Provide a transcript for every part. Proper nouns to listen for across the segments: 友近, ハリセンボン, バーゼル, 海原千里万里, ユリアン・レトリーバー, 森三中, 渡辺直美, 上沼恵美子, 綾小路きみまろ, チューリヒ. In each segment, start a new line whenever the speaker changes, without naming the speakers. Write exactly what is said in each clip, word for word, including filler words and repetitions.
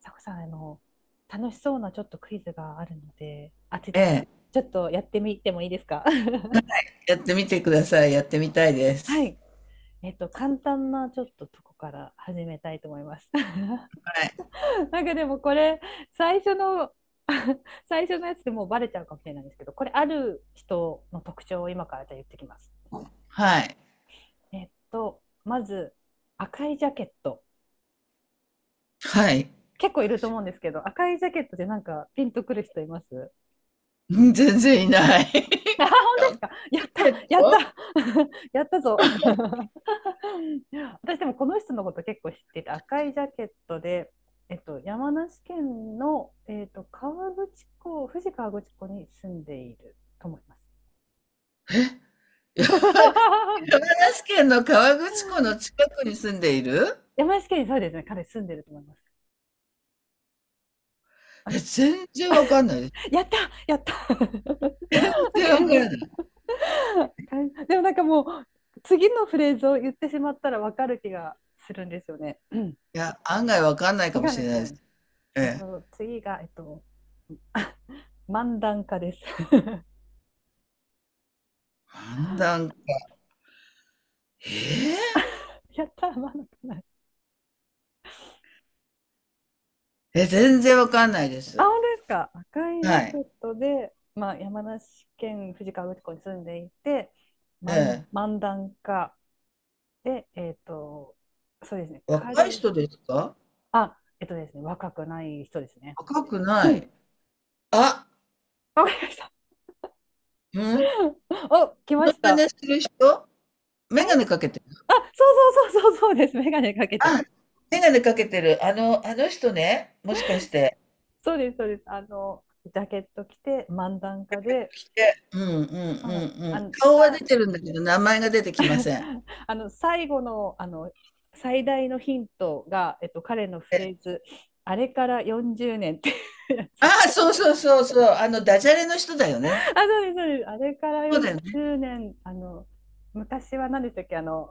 さこさん、あの、楽しそうなちょっとクイズがあるので、あて、
ええ、
ちょっとやってみてもいいですか？
やってみてください。やってみたいで
は
す。
い。えっと、簡単なちょっととこから始めたいと思います。
はい。
なんかでもこれ、最初の 最初のやつでもうバレちゃうかもしれないんですけど、これある人の特徴を今からじゃあ言ってきます。
はい。
えっと、まず、赤いジャケット。
はい。
結構いると思うんですけど、赤いジャケットでなんかピンとくる人います？
うん、全然いない。
あ、本 当です
ロ
か。やっ
ケ
た、
ッ
やっ
ト、
た、やったぞ。私でもこの人のこと結構知ってて、赤いジャケットで、えっと、山梨県の、えっと、河口湖、富士河口湖に住んでいると思います。
山梨県の河口湖の近くに住んでいる。
山梨県にそうですね、彼住んでると思います。あ、
え、全然わかんないです。
やった、やった。
全然わからな
な
い。
んか でもなんかもう、次のフレーズを言ってしまったらわかる気がするんですよね。うん、
いや、案外わかんない
わ
かも
かん
し
ない
れ
です
ない
か
です。
ね。
え
えっ
え。
と、次が、えっと、漫談家です。
判断、え
やったー、漫談家ない。
ええ、全然わかんないで
あ、
す。
本当ですか。赤いジ
は
ャケ
い。
ットで、まあ、山梨県富士河口湖に住んでいて、
え
漫、
え。
漫談家で、えっと、そうですね、
若い
彼、
人ですか？
あ、えっとですね、若くない人ですね。
若く
う
ない。
ん。
あ、
わかりました。
うん。
お、来
モ
ま
ノ
し
マ
た。
ネする人、眼
え、
鏡かけて。
あ、そうそうそうそうそうです。メガネかけて
あ、
ます。
眼鏡かけてる。あの、あの人ね、もしかして。
そうです、そうです。あの、ジャケット着て、漫談家で、
で、うんうんうん
そうなんです。
う
あ
ん。
の、
顔は出
さ、
てるんだけど、名前が出てきません。
あの最後のあの最大のヒントが、えっと、彼のフレー
え
ズ「あれからよんじゅうねん」っていうやつ
あ
で。
あ、そうそうそうそう、あの、ダジャレの人だよね。
あ、そうです、そうです。あれから
そうだよね。
よんじゅうねん、あの昔は何でしたっけ、あの、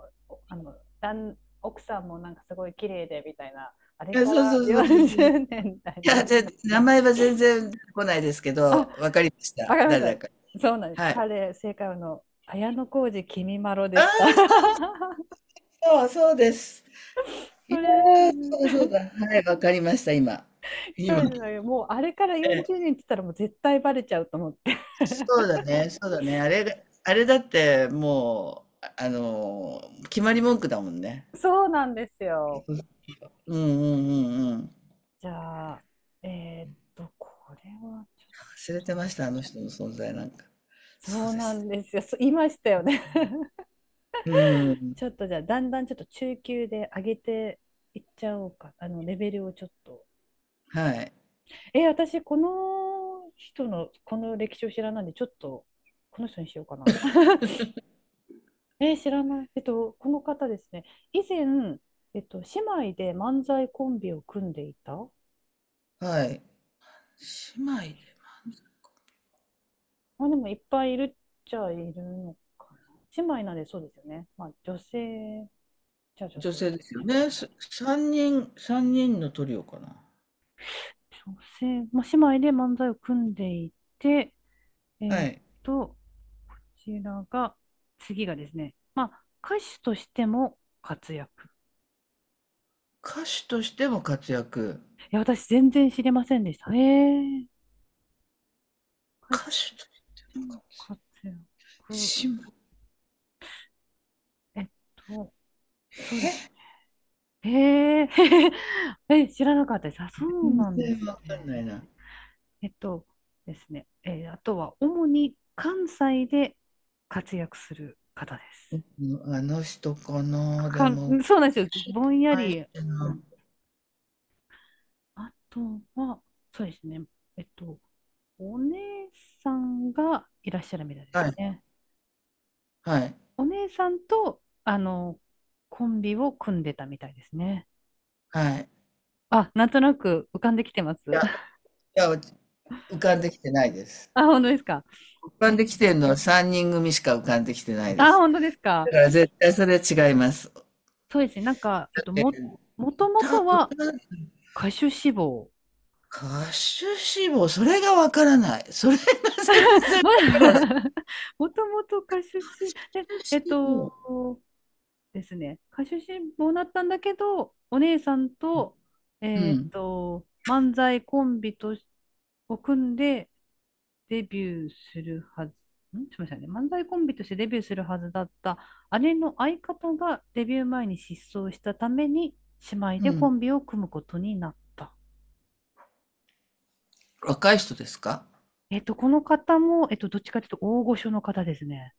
あの、旦奥さんもなんかすごい綺麗でみたいな、あれ
いや、
か
そうそ
ら
うそうそうそう
40
そう。
年みたい
いや、
な。
ぜ名前は全然出てこないですけ
あ、
ど、わかりまし
わか
た。
りまし
誰
た。
だか。
そうなんです、
はい。
彼、正解はあの綾小路きみまろ
あ
で
あ、
した。
そうそう、そうです。い
こ
や
れです
ー、そう
ね。
そうだ。はい、わかりました、今。
そう
今。
ですね。もうあれから40
え
年って言ったらもう絶対バレちゃうと思って。
そうだね、そうだね。あれが、あれだってもう、ああのー、決まり文句だもんね。
そうなんですよ。
うんうんうんうん。
じゃあ、えーっと、これはちょっ
忘れてまし
と、
た、あの人の存在なんか。そ
そ
う
う
で
な
すね。
んですよ。そう言いましたよね。
うん。
ちょっとじゃあ、だんだんちょっと中級で上げていっちゃおうか。あの、レベルをちょっと。
はい。
えー、私、この人の、この歴史を知らないんで、ちょっと、この人にしようかな。えー知らない。えっと、この方ですね。以前、えっと、姉妹で漫才コンビを組んでいた。
はい。姉妹で、
まあ、でもいっぱいいるっちゃいるのかな。姉妹なんでそうですよね。まあ、女性、じゃあ女
女
性で
性ですよ
す
ね。
ね。
す三人、三人のトリオかな。
女性、まあ、姉妹で漫才を組んでいて、え
は
ーっ
い。
と、こちらが、次がですね、まあ、歌手としても活躍。
歌手としても活躍。
いや、私全然知りませんでした。ええ。歌
歌手
手
として
で
も
も
活
活
躍。
躍。
姉妹。
えっと、そうで
え
すね。へえー。え、知らなかったです。あ、そう
全
なんです
然わかんな
ね。
いな。
えっとですね、えー、あとは主に関西で活躍する方です。
うん、あの人かな、で
か、
も
そうなんですよ。ぼんや
最
り。
初の、
あとは、そうですね。えっと、お姉さんがいらっしゃるみたいで
は
す
い、
ね。
はい、
お姉さんと、あの、コンビを組んでたみたいですね。
はい。
あ、なんとなく浮かんできてま
い
す。
や、い や、浮かんできてないです。
あ、本当ですか。
浮か
え
んできて
ー、
るのはさんにん組しか浮かんできてないで
あ、
す。
本当です
だ
か。
から絶対それは違います。
そうですね。なんか、えっと、
え
も、もとも
歌、
とは
歌、
歌手志望。
歌手志望、それがわからない。それが
まあ、
歌
もともと歌手志望、で
手
えっ
志望。
とですね、歌手志望だったんだけど、お姉さんと、
う
えっ
ん、
と、漫才コンビとしを組んでデビューするはず、ん、すみませんね、漫才コンビとしてデビューするはずだった姉の相方がデビュー前に失踪したために、姉妹
う
でコ
ん。
ンビを組むことになった。
若い人ですか？
えっと、この方も、えっと、どっちかというと大御所の方ですね。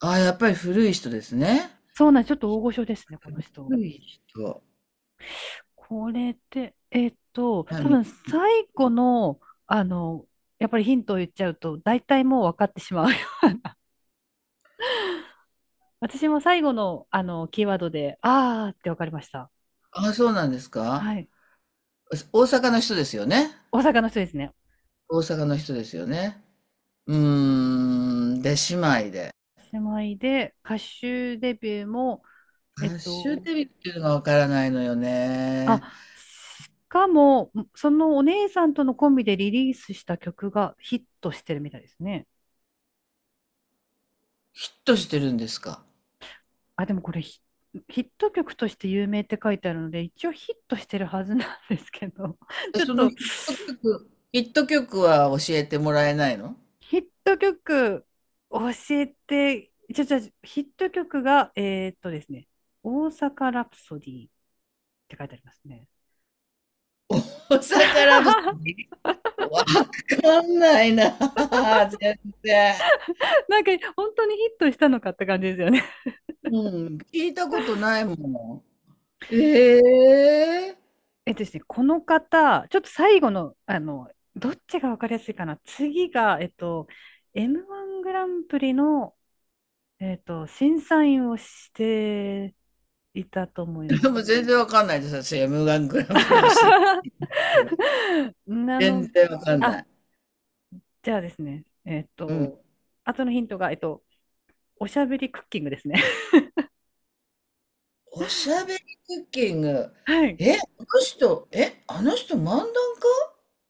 ああ、やっぱり古い人ですね。
そうなんです。ちょっと大御所ですね、この人。
古い人。
これって、えっと、
南あ、
多
み
分最後の、あの、やっぱりヒントを言っちゃうと、大体もう分かってしまう。私も最後の、あの、キーワードで、あーって分かりました。
あ、そうなんですか？
はい。
大阪の人ですよね。
大阪の人ですね。
大阪の人ですよね。うーん、出姉妹で。
姉妹で、歌手デビューも、えっ
ハッシュ
と、
デビっていうのがわからないのよ
あ、
ね。
しかも、そのお姉さんとのコンビでリリースした曲がヒットしてるみたいですね。
ヒットしてるんですか？
あ、でもこれヒ、ヒット曲として有名って書いてあるので、一応ヒットしてるはずなんですけど、
で
ちょっ
その
と
ヒット曲、ヒット曲は教えてもらえないの？
ヒット曲教えて、ちょ、ちょ、ヒット曲が、えーっとですね、大阪ラプソディって書いてありますね。
お魚不足、 わかんないな。全然。
なんか本当にヒットしたのかって感じですよね。
うん、聞いたことないもん。ええ。
えっとですね、この方、ちょっと最後の、あの、どっちが分かりやすいかな。次が、えっと、エムワン グランプリのえっと、審査員をしていたと思い
で
ま す。
も全然わかんないです。私、m ングランプリのシ CD
なの、
全然わかんな
あ、
い。
じゃあですね、えっ
うん。
と、後のヒントが、えっと、おしゃべりクッキングですね。
おしゃべりクッキング。
はい。
え、あの人、え、あの人漫談家。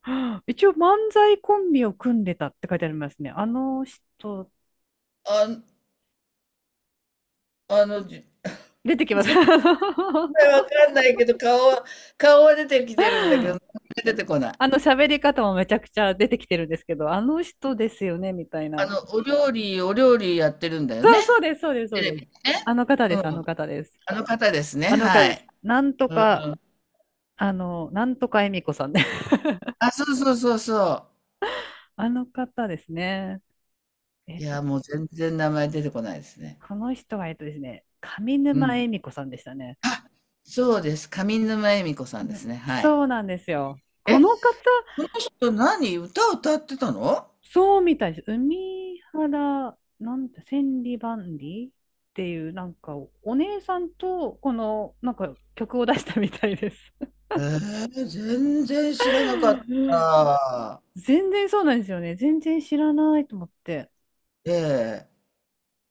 一応、漫才コンビを組んでたって書いてありますね。あの人、
あ、あの、じ
出てきます。
絶対 わ かんないけど、顔は、顔は出てきてるんだけど、名前出てこない。
あの喋り方もめちゃくちゃ出てきてるんですけど、あの人ですよね、みたい
あ
な。
の、お料理、お料理やってるんだよ
そ
ね。
う、そうです、そうです、そ
テ
う
レ
で
ビ
す。
でね。
あの方
う
です、あ
ん。
の方です。
あの方ですね。
あの方
は
で
い。
す。なんと
うん。
か、あの、なんとか恵美子さんね。
あ、そうそうそうそ
あの方ですね。え
う。い
っと、
や、もう全然名前出てこないですね。
この人は、えっとですね、上
う
沼
ん。
恵美子さんでしたね。
あ、そうです。上沼恵美子さんですね。はい。
そうなんですよ。こ
え、
の方、
この人何歌歌ってたの？
そうみたいです。海原、なんて、千里万里っていう、なんか、お姉さんと、この、なんか、曲を出したみたいです。
ええ、全然知らなかっ た。
全然そうなんですよね。全然知らないと思って。
ええ、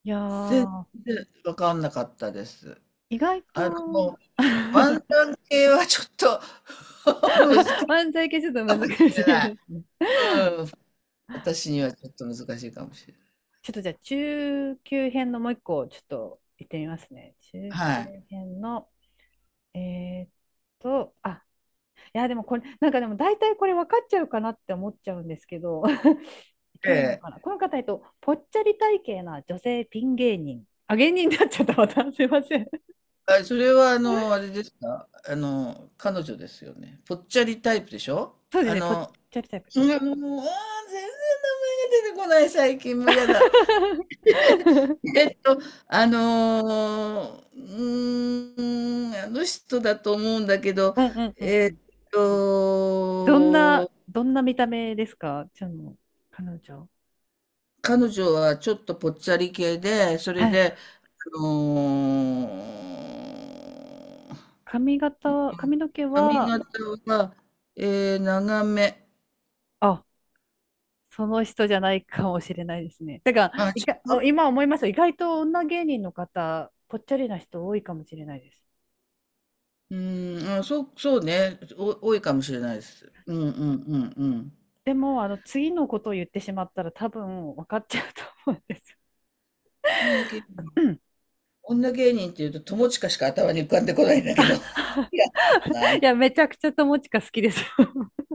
いや
全
ー、
然分かんなかったです。
意外と、
あの、ワンタン系はちょっと 難しい
漫才系ちょっと
か
難
もし
しい
れな
で
い。
すね。
うん、私にはちょっと難しいかもしれない。
ちょっとじゃあ中級編のもう一個ちょっと行ってみますね。中級
はい。
編の、えーっと、あ、いやでもこれ、なんかでも大体これ分かっちゃうかなって思っちゃうんですけど、い
え
けるの
え。
かな。この方、えっと、ぽっちゃり体型な女性ピン芸人。あ、芸人になっちゃった、また。すいません。
あ、それはあの、あれですか、あの、彼女ですよね。ぽっちゃりタイプでしょ？
そうです
あ
ね、ぽっ
の、
ちゃりタイプ。
うん、もう、あー全然名前が出てこない、最近もう嫌だ。えっと、あのー、うーん、あの人だと思うんだけど、
うんうんう
え
ん。
っ
どんな、
と、
どんな見た目ですか、ちゃんの彼女。
彼女はちょっとぽっちゃり系で、そ
は
れ
い。
で、あのー
髪型は、髪の毛
髪
は、
型は、えー長め。
あ、その人じゃないかもしれないですね。だから、
あ、
い
違
か、
う。
今思いますよ。意外と女芸人の方、ぽっちゃりな人多いかもしれないです。
うん、あ、そう、そうね、お、多いかもしれないです。うんうんうん
でも、あの、次のことを言ってしまったら多分分かっちゃうと思うんですよ。
うん。だけど
うん、
女芸人っていうと、友近しか頭に浮かんでこないんだけど。いや、な、
いや、めちゃくちゃ友近好きです。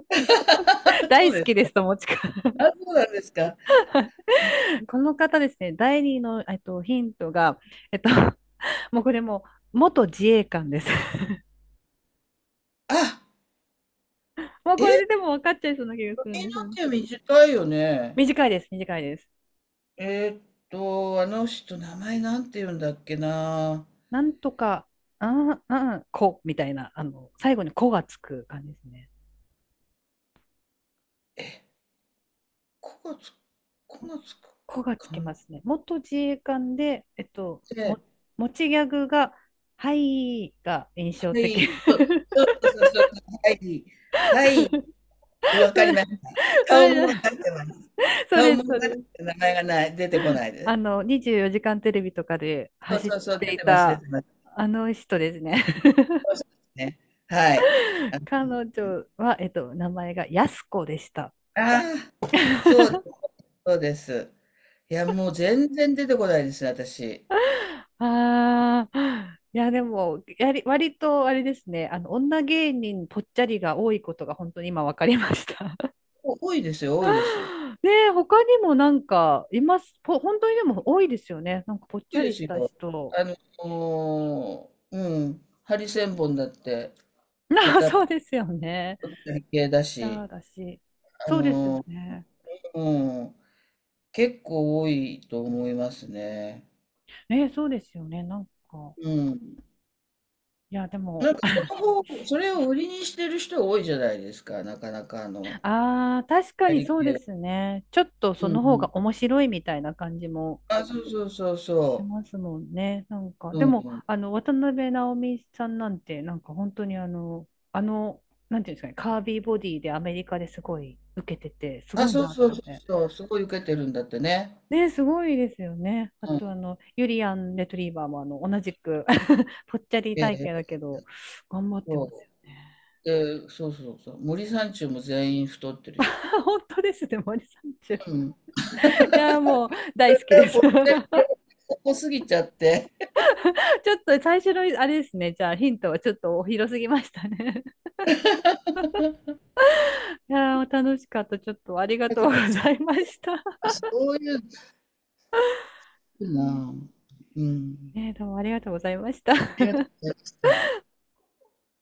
そ
大
う
好
で
きで
す。
す、友近。
あ、そうなんですか。
この方ですね、第二の、えっと、ヒントが、えっと、もうこれもう、元自衛官です。
あ、
もうこ
え、
れででも分かっちゃいそうな気がするん
髪の
ですよね。
毛短いよね。
短いです、短いです。
えーっと、あの人、名前なんて言うんだっけな。
なんとか、ああああこ、みたいな、あの、最後にこがつく感じですね。
え、こがつこがつ
こがつ
か
き
ん
ますね。元自衛官で、えっと、
て、
も、持ちギャグが、はいが印象
は
的。
い、そうそうそうそうそう、はい、はい、わ
そ
か
れ、
ります。
そ
顔
れじゃ
もわ
ない、
かってます。
そう
顔
です、
も
そ
わ
うで
かって
す。
ます、名前がない、出てこないです。
あの、にじゅうよじかんテレビとかで
そう
走っ
そうそう、
て
出
い
てます、出
た、
てます。
あの人ですね。
そうですね。はい。あ
彼女は、えっと、名前がやすこでした。
あーそうです、 そうです。いや、もう全然出てこないですね、私。
ああ、いや、でも、やり、割とあれですね、あの、女芸人ぽっちゃりが多いことが本当に今分かりました。
お多いですよ、多いです。
ねえ、他にもなんか、います。ぽ、本当にでも多いですよね。なんかぽっち
多い
ゃ
で
りし
す
た
よ。
人。
あのーうん、ハリセンボンだって
ああ、
片っ
そうですよね。
ぽ系だ
い
し、
やー、だし。
あ
そうですよ
のー
ね。
うん、結構多いと思いますね。
えー、そうですよね。なんか、
うん。
いや、で
な
も、
んかそ の方、それを売りにしてる人多いじゃないですか、なかなかあの、
ああ、確か
や
に
り
そう
系
で
の。
すね。ちょっとそ
う
の方
ん、
が面白いみたいな感じも。
あ、そうそうそう
し
そ
ますもんね。なんか、
う。
で
う
も、
ん。
あの、渡辺直美さんなんて、なんか本当にあの、あの、なんていうんですかね、カービーボディでアメリカですごい受けてて、す
あ、
ごい
そう
なと
そう
思
そう
って。
そう。すごい受けてるんだってね。
ね、すごいですよね。あ
うん。
と、あの、ユリアン・レトリーバーも、あの、同じく ぽっちゃり
え
体
え、
型だけど、頑張ってます
そ
よね。
う。で、そうそうそう。森三中も全員太ってるし。
本当ですね、森三中。い
うん。
や、もう、大
で
好きで
も、
す。ちょ
こっこすぎちゃって。
っと最初の、あれですね、じゃあヒントはちょっと広すぎましたね。いやー、楽しかった。ちょっとありがとうござ いました。
そういうのいい
うん、
な。うん。
ねえ、どうもありがとうございました。
ありがとうございました。